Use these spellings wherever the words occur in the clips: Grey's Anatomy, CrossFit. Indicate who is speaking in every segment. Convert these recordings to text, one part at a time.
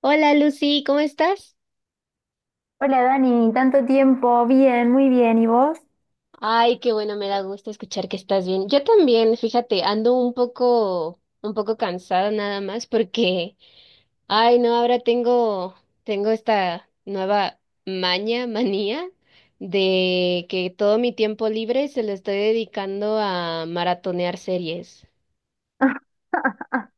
Speaker 1: Hola Lucy, ¿cómo estás?
Speaker 2: Hola Dani, tanto tiempo, bien, muy bien, ¿y vos?
Speaker 1: Ay, qué bueno, me da gusto escuchar que estás bien. Yo también, fíjate, ando un poco cansada nada más porque, ay, no, tengo esta nueva manía de que todo mi tiempo libre se lo estoy dedicando a maratonear series.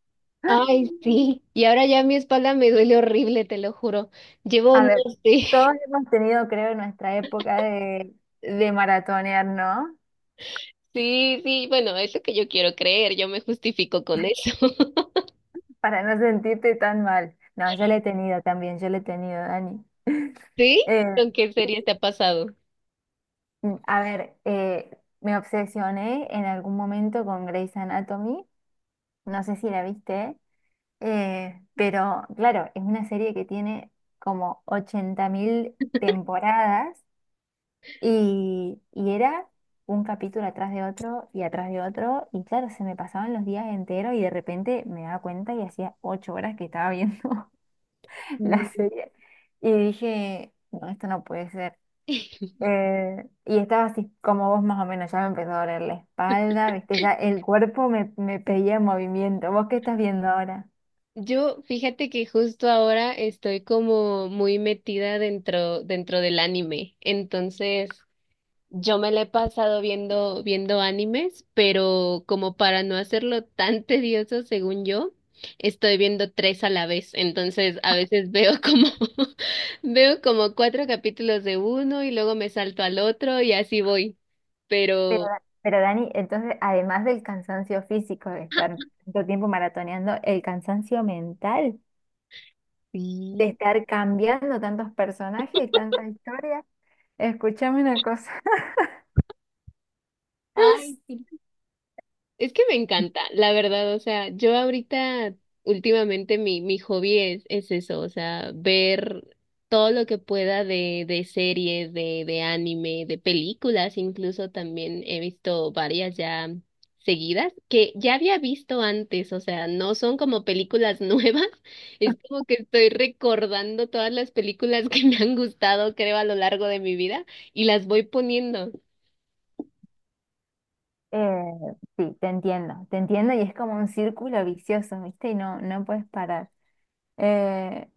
Speaker 1: Ay, sí. Y ahora ya mi espalda me duele horrible, te lo juro. Llevo,
Speaker 2: A
Speaker 1: no
Speaker 2: ver,
Speaker 1: sé.
Speaker 2: todos hemos tenido, creo, nuestra época de maratonear, ¿no?
Speaker 1: Sí, sí, bueno, es lo que yo quiero creer, yo me justifico con eso.
Speaker 2: Para no sentirte tan mal. No, yo la he tenido también, yo la he tenido, Dani.
Speaker 1: ¿Sí?
Speaker 2: Eh,
Speaker 1: ¿Con qué serie te ha pasado?
Speaker 2: a ver, me obsesioné en algún momento con Grey's Anatomy, no sé si la viste, pero claro, es una serie que tiene como 80.000 temporadas. Y era un capítulo atrás de otro y atrás de otro. Y claro, se me pasaban los días enteros y de repente me daba cuenta y hacía 8 horas que estaba viendo la
Speaker 1: No.
Speaker 2: serie. Y dije, no, esto no puede ser. Y estaba así como vos más o menos, ya me empezó a doler la espalda, viste, ya el cuerpo me, pedía movimiento. ¿Vos qué estás viendo ahora?
Speaker 1: Yo, fíjate que justo ahora estoy como muy metida dentro del anime. Entonces, yo me la he pasado viendo animes, pero como para no hacerlo tan tedioso, según yo, estoy viendo tres a la vez. Entonces, a veces veo como, veo como cuatro capítulos de uno y luego me salto al otro y así voy.
Speaker 2: Pero,
Speaker 1: Pero,
Speaker 2: Da- pero Dani, entonces, además del cansancio físico de estar tanto tiempo maratoneando, el cansancio mental, de
Speaker 1: sí.
Speaker 2: estar cambiando tantos personajes y tanta historia. Escúchame una cosa.
Speaker 1: Ay, sí. Es que me encanta, la verdad, o sea, yo ahorita, últimamente mi hobby es eso, o sea, ver todo lo que pueda de series, de anime, de películas, incluso también he visto varias ya seguidas que ya había visto antes, o sea, no son como películas nuevas, es como que estoy recordando todas las películas que me han gustado, creo, a lo largo de mi vida y las voy poniendo.
Speaker 2: Eh, sí, te entiendo y es como un círculo vicioso, ¿viste? Y no, no puedes parar. Eh,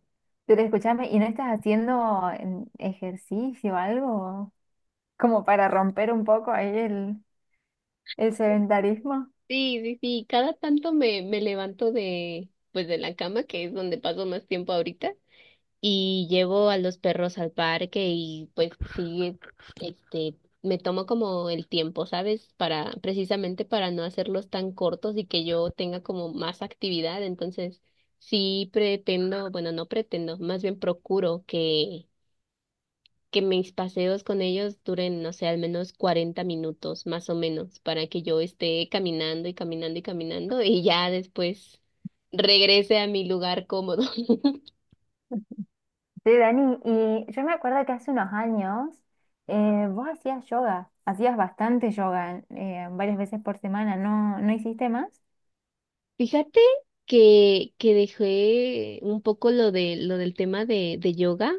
Speaker 2: pero escúchame, ¿y no estás haciendo ejercicio o algo como para romper un poco ahí el, sedentarismo?
Speaker 1: Sí, sí, sí, cada tanto me levanto de, pues de la cama, que es donde paso más tiempo ahorita, y llevo a los perros al parque y pues sí, este, me tomo como el tiempo, ¿sabes? Para, precisamente para no hacerlos tan cortos y que yo tenga como más actividad, entonces sí pretendo, bueno, no pretendo, más bien procuro que mis paseos con ellos duren, no sé, al menos 40 minutos, más o menos, para que yo esté caminando y caminando y caminando y ya después regrese a mi lugar cómodo.
Speaker 2: Sí, Dani, y yo me acuerdo que hace unos años vos hacías yoga, hacías bastante yoga varias veces por semana, ¿no, no hiciste más?
Speaker 1: Fíjate que dejé un poco lo de lo del tema de yoga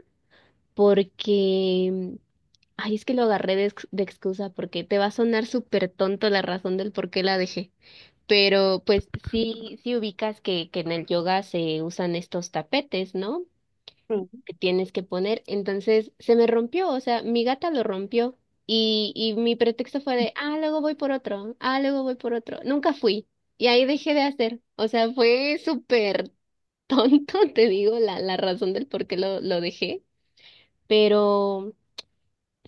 Speaker 1: porque ay, es que lo agarré de, de excusa porque te va a sonar súper tonto la razón del por qué la dejé. Pero pues sí, sí ubicas que en el yoga se usan estos tapetes, ¿no?
Speaker 2: Sí.
Speaker 1: Que tienes que poner. Entonces se me rompió, o sea, mi gata lo rompió y mi pretexto fue de, ah, luego voy por otro, ah, luego voy por otro. Nunca fui y ahí dejé de hacer, o sea, fue súper tonto, te digo, la razón del por qué lo dejé.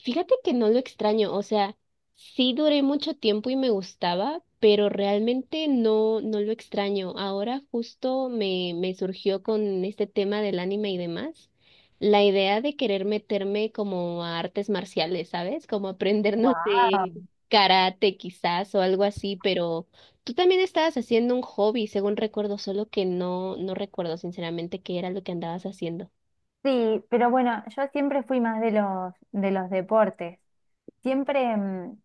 Speaker 1: Fíjate que no lo extraño, o sea, sí duré mucho tiempo y me gustaba, pero realmente no, no lo extraño. Ahora justo me surgió con este tema del anime y demás, la idea de querer meterme como a artes marciales, ¿sabes? Como aprendernos de
Speaker 2: Wow.
Speaker 1: karate quizás o algo así, pero tú también estabas haciendo un hobby, según recuerdo, solo que no, no recuerdo sinceramente qué era lo que andabas haciendo.
Speaker 2: Sí, pero bueno, yo siempre fui más de los deportes. Siempre, mm,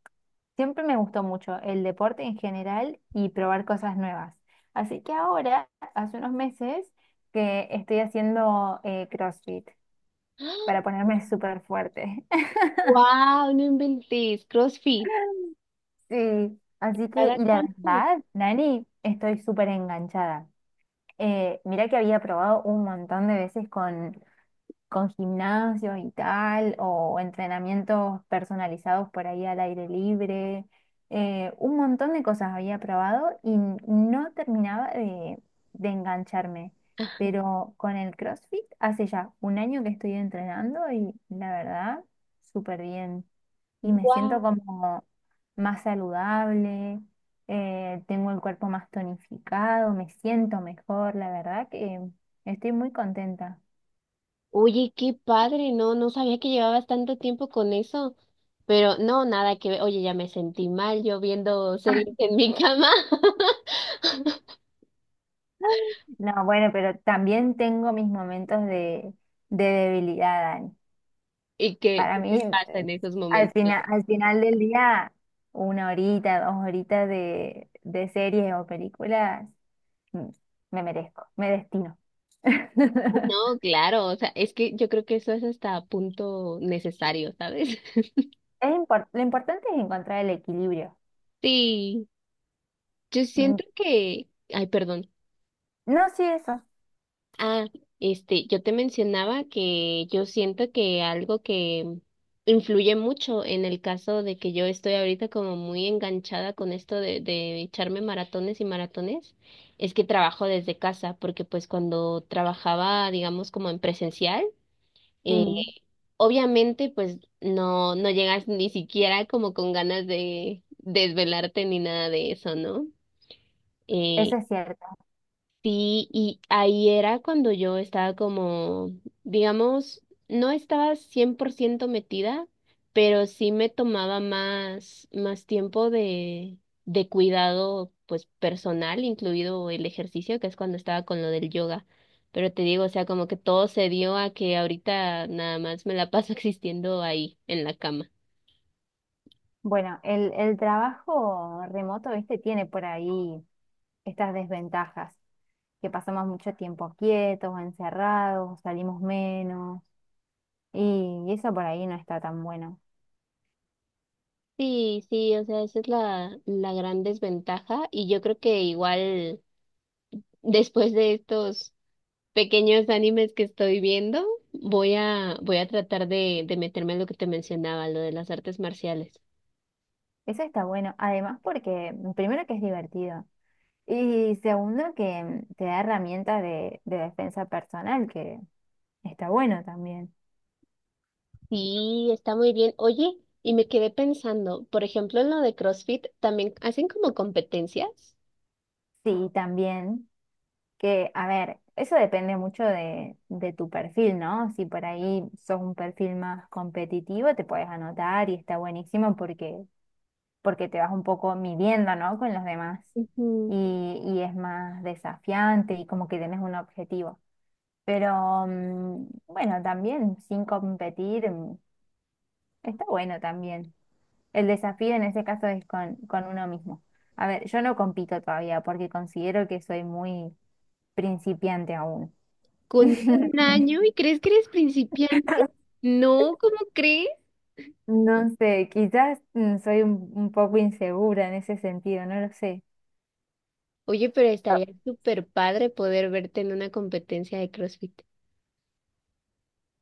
Speaker 2: siempre me gustó mucho el deporte en general y probar cosas nuevas. Así que ahora, hace unos meses, que estoy haciendo CrossFit para ponerme súper fuerte.
Speaker 1: ¡Wow! No inventes, CrossFit.
Speaker 2: Sí, así que,
Speaker 1: ¿Cada
Speaker 2: y la
Speaker 1: cuánto?
Speaker 2: verdad, Nani, estoy súper enganchada. Mirá que había probado un montón de veces con gimnasio y tal, o entrenamientos personalizados por ahí al aire libre. Un montón de cosas había probado y no terminaba de, engancharme. Pero con el CrossFit hace ya un año que estoy entrenando y la verdad, súper bien. Y me siento
Speaker 1: ¡Guau!
Speaker 2: como más saludable, tengo el cuerpo más tonificado, me siento mejor, la verdad que estoy muy contenta.
Speaker 1: Oye, qué padre, no, no sabía que llevabas tanto tiempo con eso. Pero no, nada que ver. Oye, ya me sentí mal yo viendo series en mi cama.
Speaker 2: No, bueno, pero también tengo mis momentos de, debilidad, Dani.
Speaker 1: ¿Y qué,
Speaker 2: Para
Speaker 1: qué
Speaker 2: mí,
Speaker 1: te pasa en esos
Speaker 2: al
Speaker 1: momentos?
Speaker 2: final, al final del día, una horita, dos horitas de series o películas, mm, me merezco, me destino.
Speaker 1: No, claro, o sea, es que yo creo que eso es hasta punto necesario, ¿sabes?
Speaker 2: Lo importante es encontrar el equilibrio.
Speaker 1: Sí, yo
Speaker 2: Mm.
Speaker 1: siento que, ay, perdón.
Speaker 2: No,
Speaker 1: Ah, este, yo te mencionaba que yo siento que algo que influye mucho en el caso de que yo estoy ahorita como muy enganchada con esto de echarme maratones y maratones, es que trabajo desde casa, porque pues cuando trabajaba, digamos, como en presencial, eh,
Speaker 2: sí,
Speaker 1: obviamente pues no, no llegas ni siquiera como con ganas de desvelarte ni nada de eso, ¿no? Eh,
Speaker 2: eso es cierto.
Speaker 1: Sí, y ahí era cuando yo estaba como, digamos, no estaba 100% metida, pero sí me tomaba más tiempo de cuidado, pues personal, incluido el ejercicio, que es cuando estaba con lo del yoga. Pero te digo, o sea, como que todo se dio a que ahorita nada más me la paso existiendo ahí, en la cama.
Speaker 2: Bueno, el trabajo remoto, viste, tiene por ahí estas desventajas, que pasamos mucho tiempo quietos o encerrados, salimos menos, y eso por ahí no está tan bueno.
Speaker 1: Sí, sí, o sea, esa es la gran desventaja y yo creo que igual después de estos pequeños animes que estoy viendo, voy a tratar de meterme en lo que te mencionaba, lo de las artes marciales.
Speaker 2: Eso está bueno, además porque primero que es divertido y segundo que te da herramientas de, defensa personal, que está bueno también.
Speaker 1: Sí, está muy bien. Oye, y me quedé pensando, por ejemplo, en lo de CrossFit, también hacen como competencias.
Speaker 2: Sí, también que, a ver, eso depende mucho de tu perfil, ¿no? Si por ahí sos un perfil más competitivo, te puedes anotar y está buenísimo porque te vas un poco midiendo, ¿no? Con los demás
Speaker 1: Ujú.
Speaker 2: y, es más desafiante y como que tienes un objetivo. Pero bueno, también sin competir está bueno también. El desafío en ese caso es con, uno mismo. A ver, yo no compito todavía porque considero que soy muy principiante aún.
Speaker 1: Con un año y crees que eres principiante. No, ¿cómo crees?
Speaker 2: No sé, quizás soy un, poco insegura en ese sentido, no lo sé.
Speaker 1: Oye, pero estaría súper padre poder verte en una competencia de CrossFit.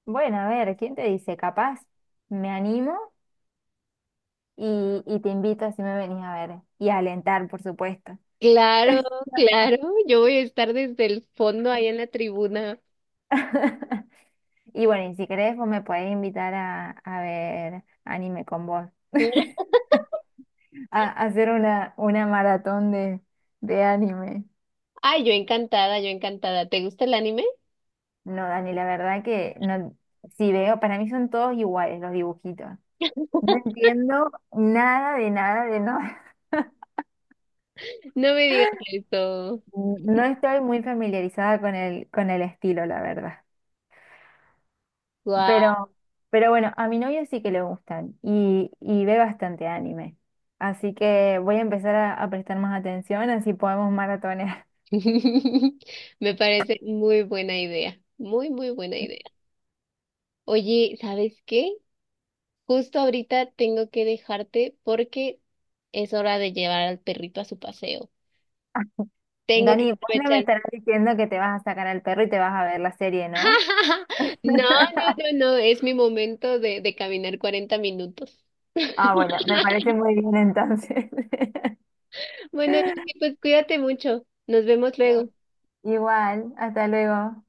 Speaker 2: Bueno, a ver, ¿quién te dice? Capaz me animo y te invito si me venís a ver y a alentar, por supuesto.
Speaker 1: Claro, claro, yo voy a estar desde el fondo ahí en la tribuna.
Speaker 2: Y bueno, y si querés, vos me podés invitar a, ver anime con vos, A hacer una, maratón de anime.
Speaker 1: Ay, yo encantada, yo encantada. ¿Te gusta el anime?
Speaker 2: No, Dani, la verdad que no, si veo, para mí son todos iguales los dibujitos. No entiendo nada de nada de nada.
Speaker 1: No me digas esto.
Speaker 2: No estoy muy familiarizada con el, estilo, la verdad.
Speaker 1: Guau.
Speaker 2: Pero, pero bueno, a mi novio sí que le gustan y, ve bastante anime. Así que voy a empezar a prestar más atención, así podemos maratonear.
Speaker 1: Me parece muy buena idea. Muy, muy buena idea. Oye, ¿sabes qué? Justo ahorita tengo que dejarte porque es hora de llevar al perrito a su paseo. Tengo que
Speaker 2: Dani, vos no me
Speaker 1: aprovechar.
Speaker 2: estarás diciendo que te vas a sacar al perro y te vas a ver la serie, ¿no?
Speaker 1: No, no, no, no. Es mi momento de caminar 40 minutos.
Speaker 2: Ah, bueno, me parece muy bien entonces.
Speaker 1: Bueno, Lucy, pues cuídate mucho. Nos vemos luego.
Speaker 2: Igual, hasta luego.